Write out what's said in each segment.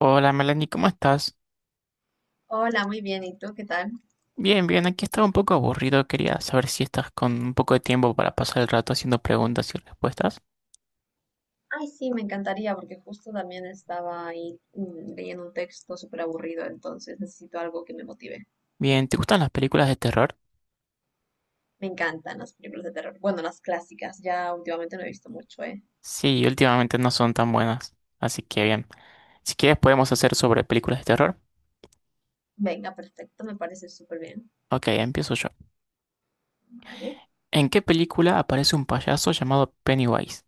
Hola Melanie, ¿cómo estás? Hola, muy bien. ¿Y tú qué tal? Bien, bien, aquí estaba un poco aburrido, quería saber si estás con un poco de tiempo para pasar el rato haciendo preguntas y respuestas. Ay, sí, me encantaría porque justo también estaba ahí, leyendo un texto súper aburrido, entonces necesito algo que me motive. Bien, ¿te gustan las películas de terror? Me encantan las películas de terror. Bueno, las clásicas, ya últimamente no he visto mucho, ¿eh? Sí, últimamente no son tan buenas, así que bien. Si quieres podemos hacer sobre películas de terror. Venga, perfecto, me parece súper bien. Ok, empiezo yo. Vale. ¿En qué película aparece un payaso llamado Pennywise?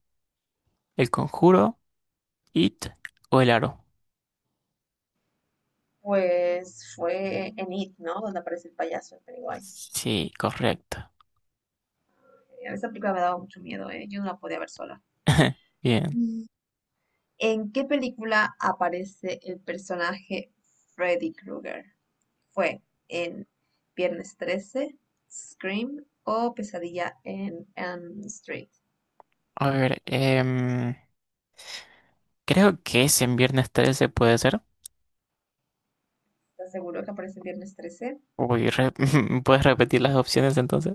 ¿El Conjuro, It o El Aro? Pues fue en It, ¿no? Donde aparece el payaso, el Pennywise. Sí, correcto. Esa película me daba mucho miedo, ¿eh? Yo no la podía ver sola. Bien. Mm. ¿En qué película aparece el personaje Freddy Krueger? Fue en "Viernes 13", "Scream" o "Pesadilla en Elm Street". A ver, creo que es en Viernes 13, puede ser. ¿Estás seguro que aparece en Viernes 13? Uy, ¿puedes repetir las opciones entonces?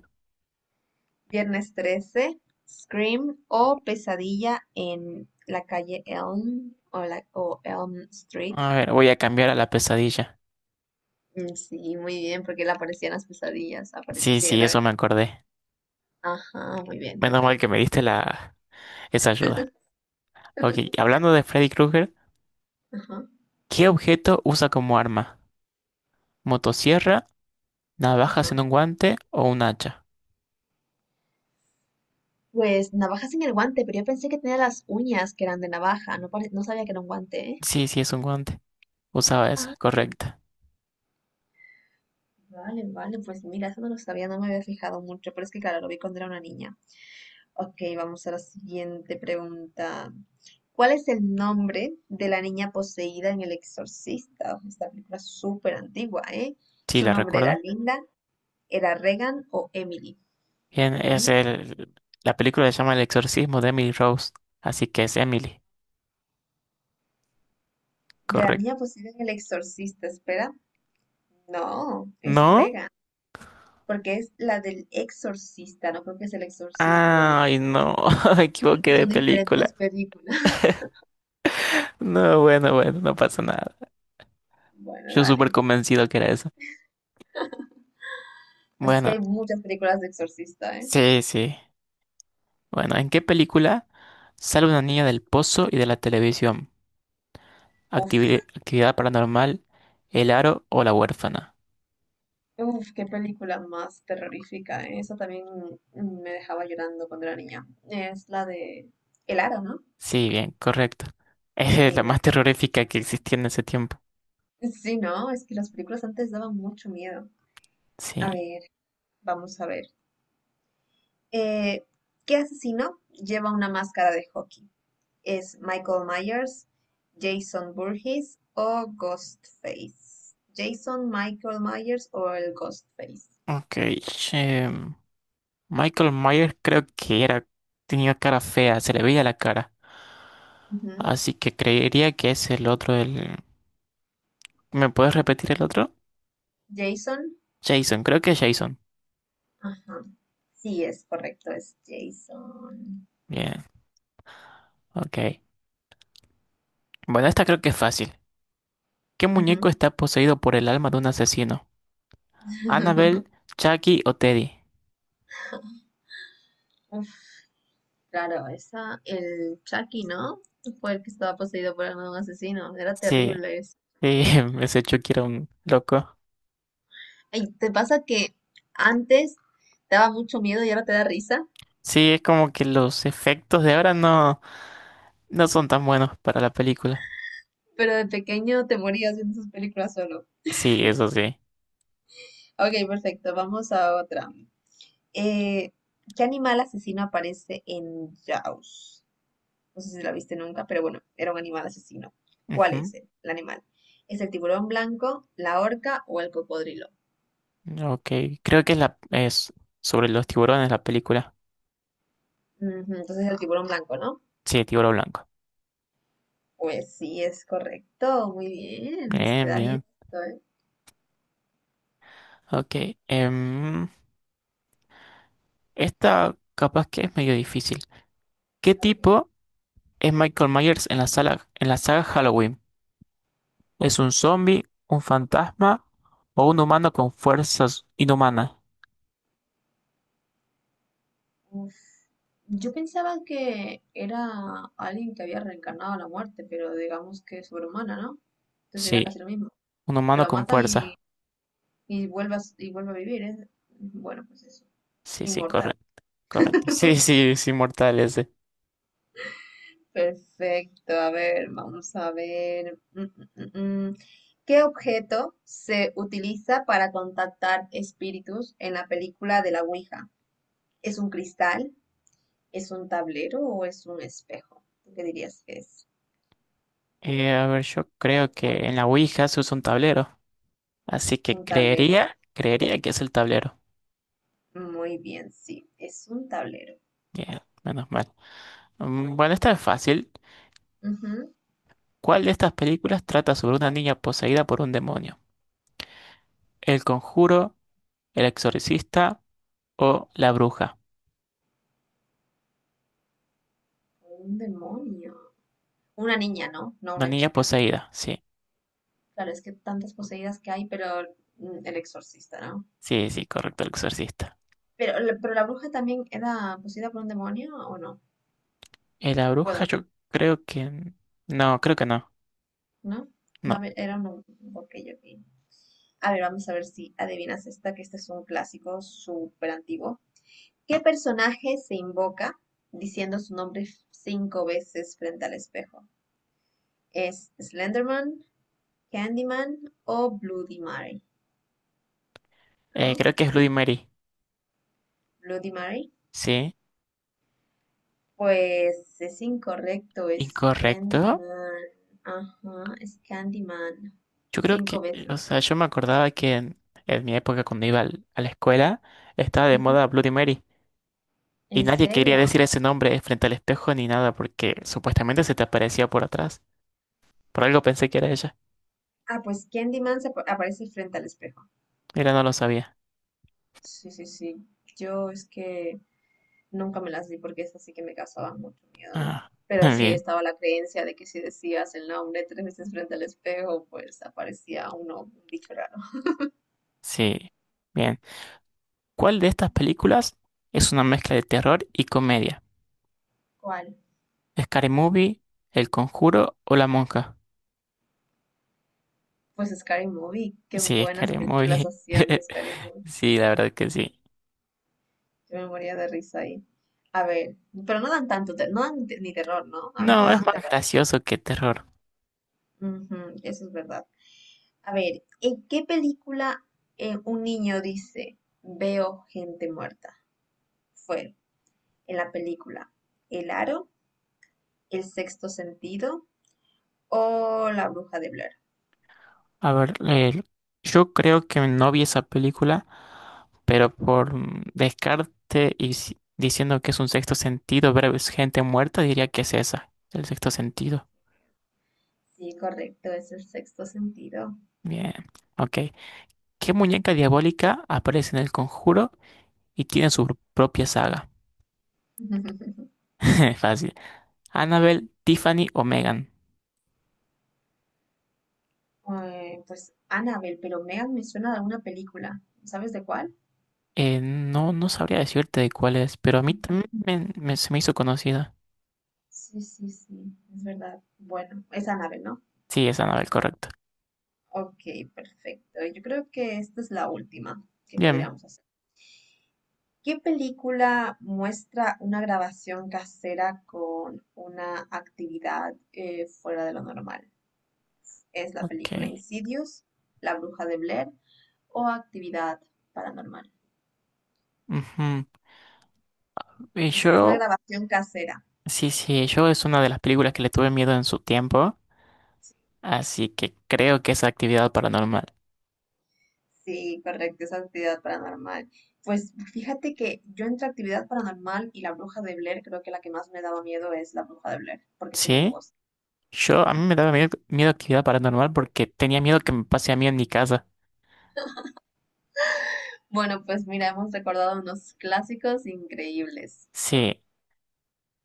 Viernes 13, Scream o Pesadilla en la calle Elm o Elm Street. A ver, voy a cambiar a la pesadilla. Mm, sí, muy bien, porque le aparecían las pesadillas, Sí, sí, apareciera. eso me acordé. Ajá, muy bien, Menos mal que perfecto. me diste la esa ayuda. Ok, hablando de Freddy Krueger, Ajá, ¿qué objeto usa como arma? ¿Motosierra, navaja ajá. sin un guante o un hacha? Pues navajas en el guante, pero yo pensé que tenía las uñas que eran de navaja, no, no sabía que era un guante, ¿eh? Sí, sí, es un guante. Usaba esa, correcta. Vale, vale, pues mira, eso no lo sabía, no me había fijado mucho, pero es que claro, lo vi cuando era una niña. Ok, vamos a la siguiente pregunta. ¿Cuál es el nombre de la niña poseída en El Exorcista? Esta película es súper antigua, ¿eh? Sí, ¿Su la nombre era recuerdo. Linda, era Regan o Emily? Bien, es ¿Mm? el... La película se llama El exorcismo de Emily Rose, así que es Emily, De la correcto. niña poseída en El Exorcista, espera. No, es ¿No? Regan, porque es la del Exorcista, no creo que es el exorcismo de Emily, Ay, no, me creo equivoqué que de son película. diferentes películas. No, bueno, bueno, no pasa nada. Bueno, Yo súper dale. convencido que era eso. Pues es que Bueno, hay muchas películas de Exorcista, ¿eh? sí, sí. Bueno, ¿en qué película sale una niña del pozo y de la televisión? Uf, Actividad paranormal, El Aro o La Huérfana. uf, qué película más terrorífica, ¿eh? Esa también me dejaba llorando cuando era niña. Es la de El Aro, ¿no? Sí, bien, correcto. Es la El más Aro. terrorífica que existía en ese tiempo. Sí, no, es que las películas antes daban mucho miedo. Sí. A ver, vamos a ver. Eh, ¿Qué asesino lleva una máscara de hockey? ¿Es Michael Myers, Jason Voorhees o Ghostface? Jason, Michael Myers o el Ghostface. Ok. em, Michael Myers creo que era, tenía cara fea, se le veía la cara. Ujú. Así que creería que es el otro, el... ¿Me puedes repetir el otro? Jason, Jason, creo que es Jason. ajá. Sí, es correcto, es Jason. Bien, ok. Bueno, esta creo que es fácil. ¿Qué muñeco Ujú. está poseído por el alma de un asesino? ¿Annabelle, Chucky o Teddy? Uf, claro, esa, el Chucky, ¿no? Fue el que estaba poseído por un asesino. Era Sí, terrible eso. sí, ese Chucky era un loco. Ay, ¿te pasa que antes te daba mucho miedo y ahora te da risa? Sí, es como que los efectos de ahora no son tan buenos para la película. Pero de pequeño te morías viendo sus películas solo. Sí, eso sí. Ok, perfecto, vamos a otra. Eh, ¿Qué animal asesino aparece en Jaws? No sé si la viste nunca, pero bueno, era un animal asesino. ¿Cuál Ujú. es el animal? ¿Es el tiburón blanco, la orca o el cocodrilo? Ok, creo que es sobre los tiburones la película. Ujú, entonces el tiburón blanco, ¿no? Sí, tiburón blanco. Pues sí, es correcto. Muy bien. Se te Bien, da bien bien. esto, ¿eh? Ok. em, esta capaz que es medio difícil. ¿Qué Ok. tipo? Es Michael Myers en en la saga Halloween. ¿Es un zombie, un fantasma o un humano con fuerzas inhumanas? Uf. Yo pensaba que era alguien que había reencarnado a la muerte, pero digamos que es sobrehumana, ¿no? Entonces era Sí, casi lo mismo. un Que humano lo con matan fuerza. y vuelve a, y vuelve a vivir, ¿eh? Bueno, pues eso. Sí, sí, Inmortal. correcto, correcto. Sí, sí, es inmortal ese. Perfecto, a ver, vamos a ver. Mm, mm, mm, mm. ¿Qué objeto se utiliza para contactar espíritus en la película de la Ouija? ¿Es un cristal? ¿Es un tablero o es un espejo? ¿Tú qué dirías que es? A ver, yo creo que en la Ouija se usa un tablero. Así Un que tablero. creería que es el tablero. Muy bien, sí, es un tablero. Bien, menos mal. Mm, bueno, esta es fácil. Ujú. ¿Cuál de estas películas trata sobre una niña poseída por un demonio? ¿El Conjuro, El Exorcista o La Bruja? Un demonio. Una niña, ¿no? No Una una niña chica. poseída, sí. Claro, es que tantas poseídas que hay, pero el exorcista, ¿no? Sí, sí, correcto, el exorcista. Pero, pero la bruja también era poseída por un demonio, ¿o no? La bruja, Guadalajara, yo creo que... No, creo que no. ¿no? No, a No. ver, era un... Ok, ok. A ver, vamos a ver si adivinas esta, que este es un clásico súper antiguo. ¿Qué personaje se invoca diciendo su nombre cinco veces frente al espejo? ¿Es Slenderman, Candyman o Bloody Mary? ¿No? Creo que es Bloody Mary. Bloody Mary. Sí. Pues es incorrecto, es Candyman. Incorrecto. Ajá, es Candyman. Yo creo Cinco que... veces. O sea, yo me acordaba que en mi época cuando a la escuela estaba de Ujú. moda Bloody Mary. Y ¿En nadie quería serio? decir ese nombre frente al espejo ni nada porque supuestamente se te aparecía por atrás. Por algo pensé que era ella. Ah, pues Candyman aparece frente al espejo. Mira, no lo sabía. Sí, sí, sí. Yo es que nunca me las di porque esas sí que me causaban mucho miedo, ¿eh? Ah, Pero sí bien. estaba la creencia de que si decías el nombre tres veces frente al espejo, pues aparecía uno, un bicho raro. Sí. Bien. ¿Cuál de estas películas es una mezcla de terror y comedia? ¿Cuál? ¿Scary Movie, El Conjuro o La Monja? Pues Scary Movie. Qué Sí, buenas Scary películas Movie. hacían de Scary Movie. Sí, la verdad que sí. Yo me moría de risa ahí. A ver, pero no dan tanto, no dan ni terror, ¿no? A mí no No, es dan más terror. gracioso que terror. Ujú, eso es verdad. A ver, ¿en qué película un niño dice, veo gente muerta? Fue en la película El Aro, El Sexto Sentido o La Bruja de Blair. A ver, yo creo que no vi esa película, pero por descarte y diciendo que es un sexto sentido, ver es gente muerta, diría que es esa, el sexto sentido. Sí, correcto, es el sexto sentido. Bien, ok. ¿Qué muñeca diabólica aparece en El Conjuro y tiene su propia saga? Fácil. Annabelle, Tiffany o Megan. Pues Annabelle, pero Megan me suena de alguna película. ¿Sabes de cuál? No, no sabría decirte de cuál es, pero a mí Ujú. también se me hizo conocida. Sí, sí, sí, es verdad. Bueno, es Annabelle, ¿no? Sí, es Annabelle, correcto. Ok, perfecto. Yo creo que esta es la última que Bien, podríamos hacer. ¿Qué película muestra una grabación casera con una actividad fuera de lo normal? Es la ok. película Insidious, La Bruja de Blair o Actividad Paranormal. Ujú. Y Es una yo, grabación casera. sí, sí, yo es una de las películas que le tuve miedo en su tiempo, así que creo que es actividad paranormal. Sí, correcto, es actividad paranormal. Pues fíjate que yo entre actividad paranormal y la bruja de Blair, creo que la que más me daba miedo es la bruja de Blair, porque es en un Sí, bosque. yo, a Sí. mí me daba miedo, miedo actividad paranormal porque tenía miedo que me pase a mí en mi casa. Bueno, pues mira, hemos recordado unos clásicos increíbles. Sí,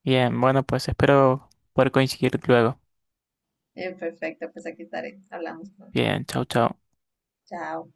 bien, bueno, pues espero poder coincidir luego. Perfecto, pues aquí estaré. Hablamos pronto. Bien, chau, chau. Chao.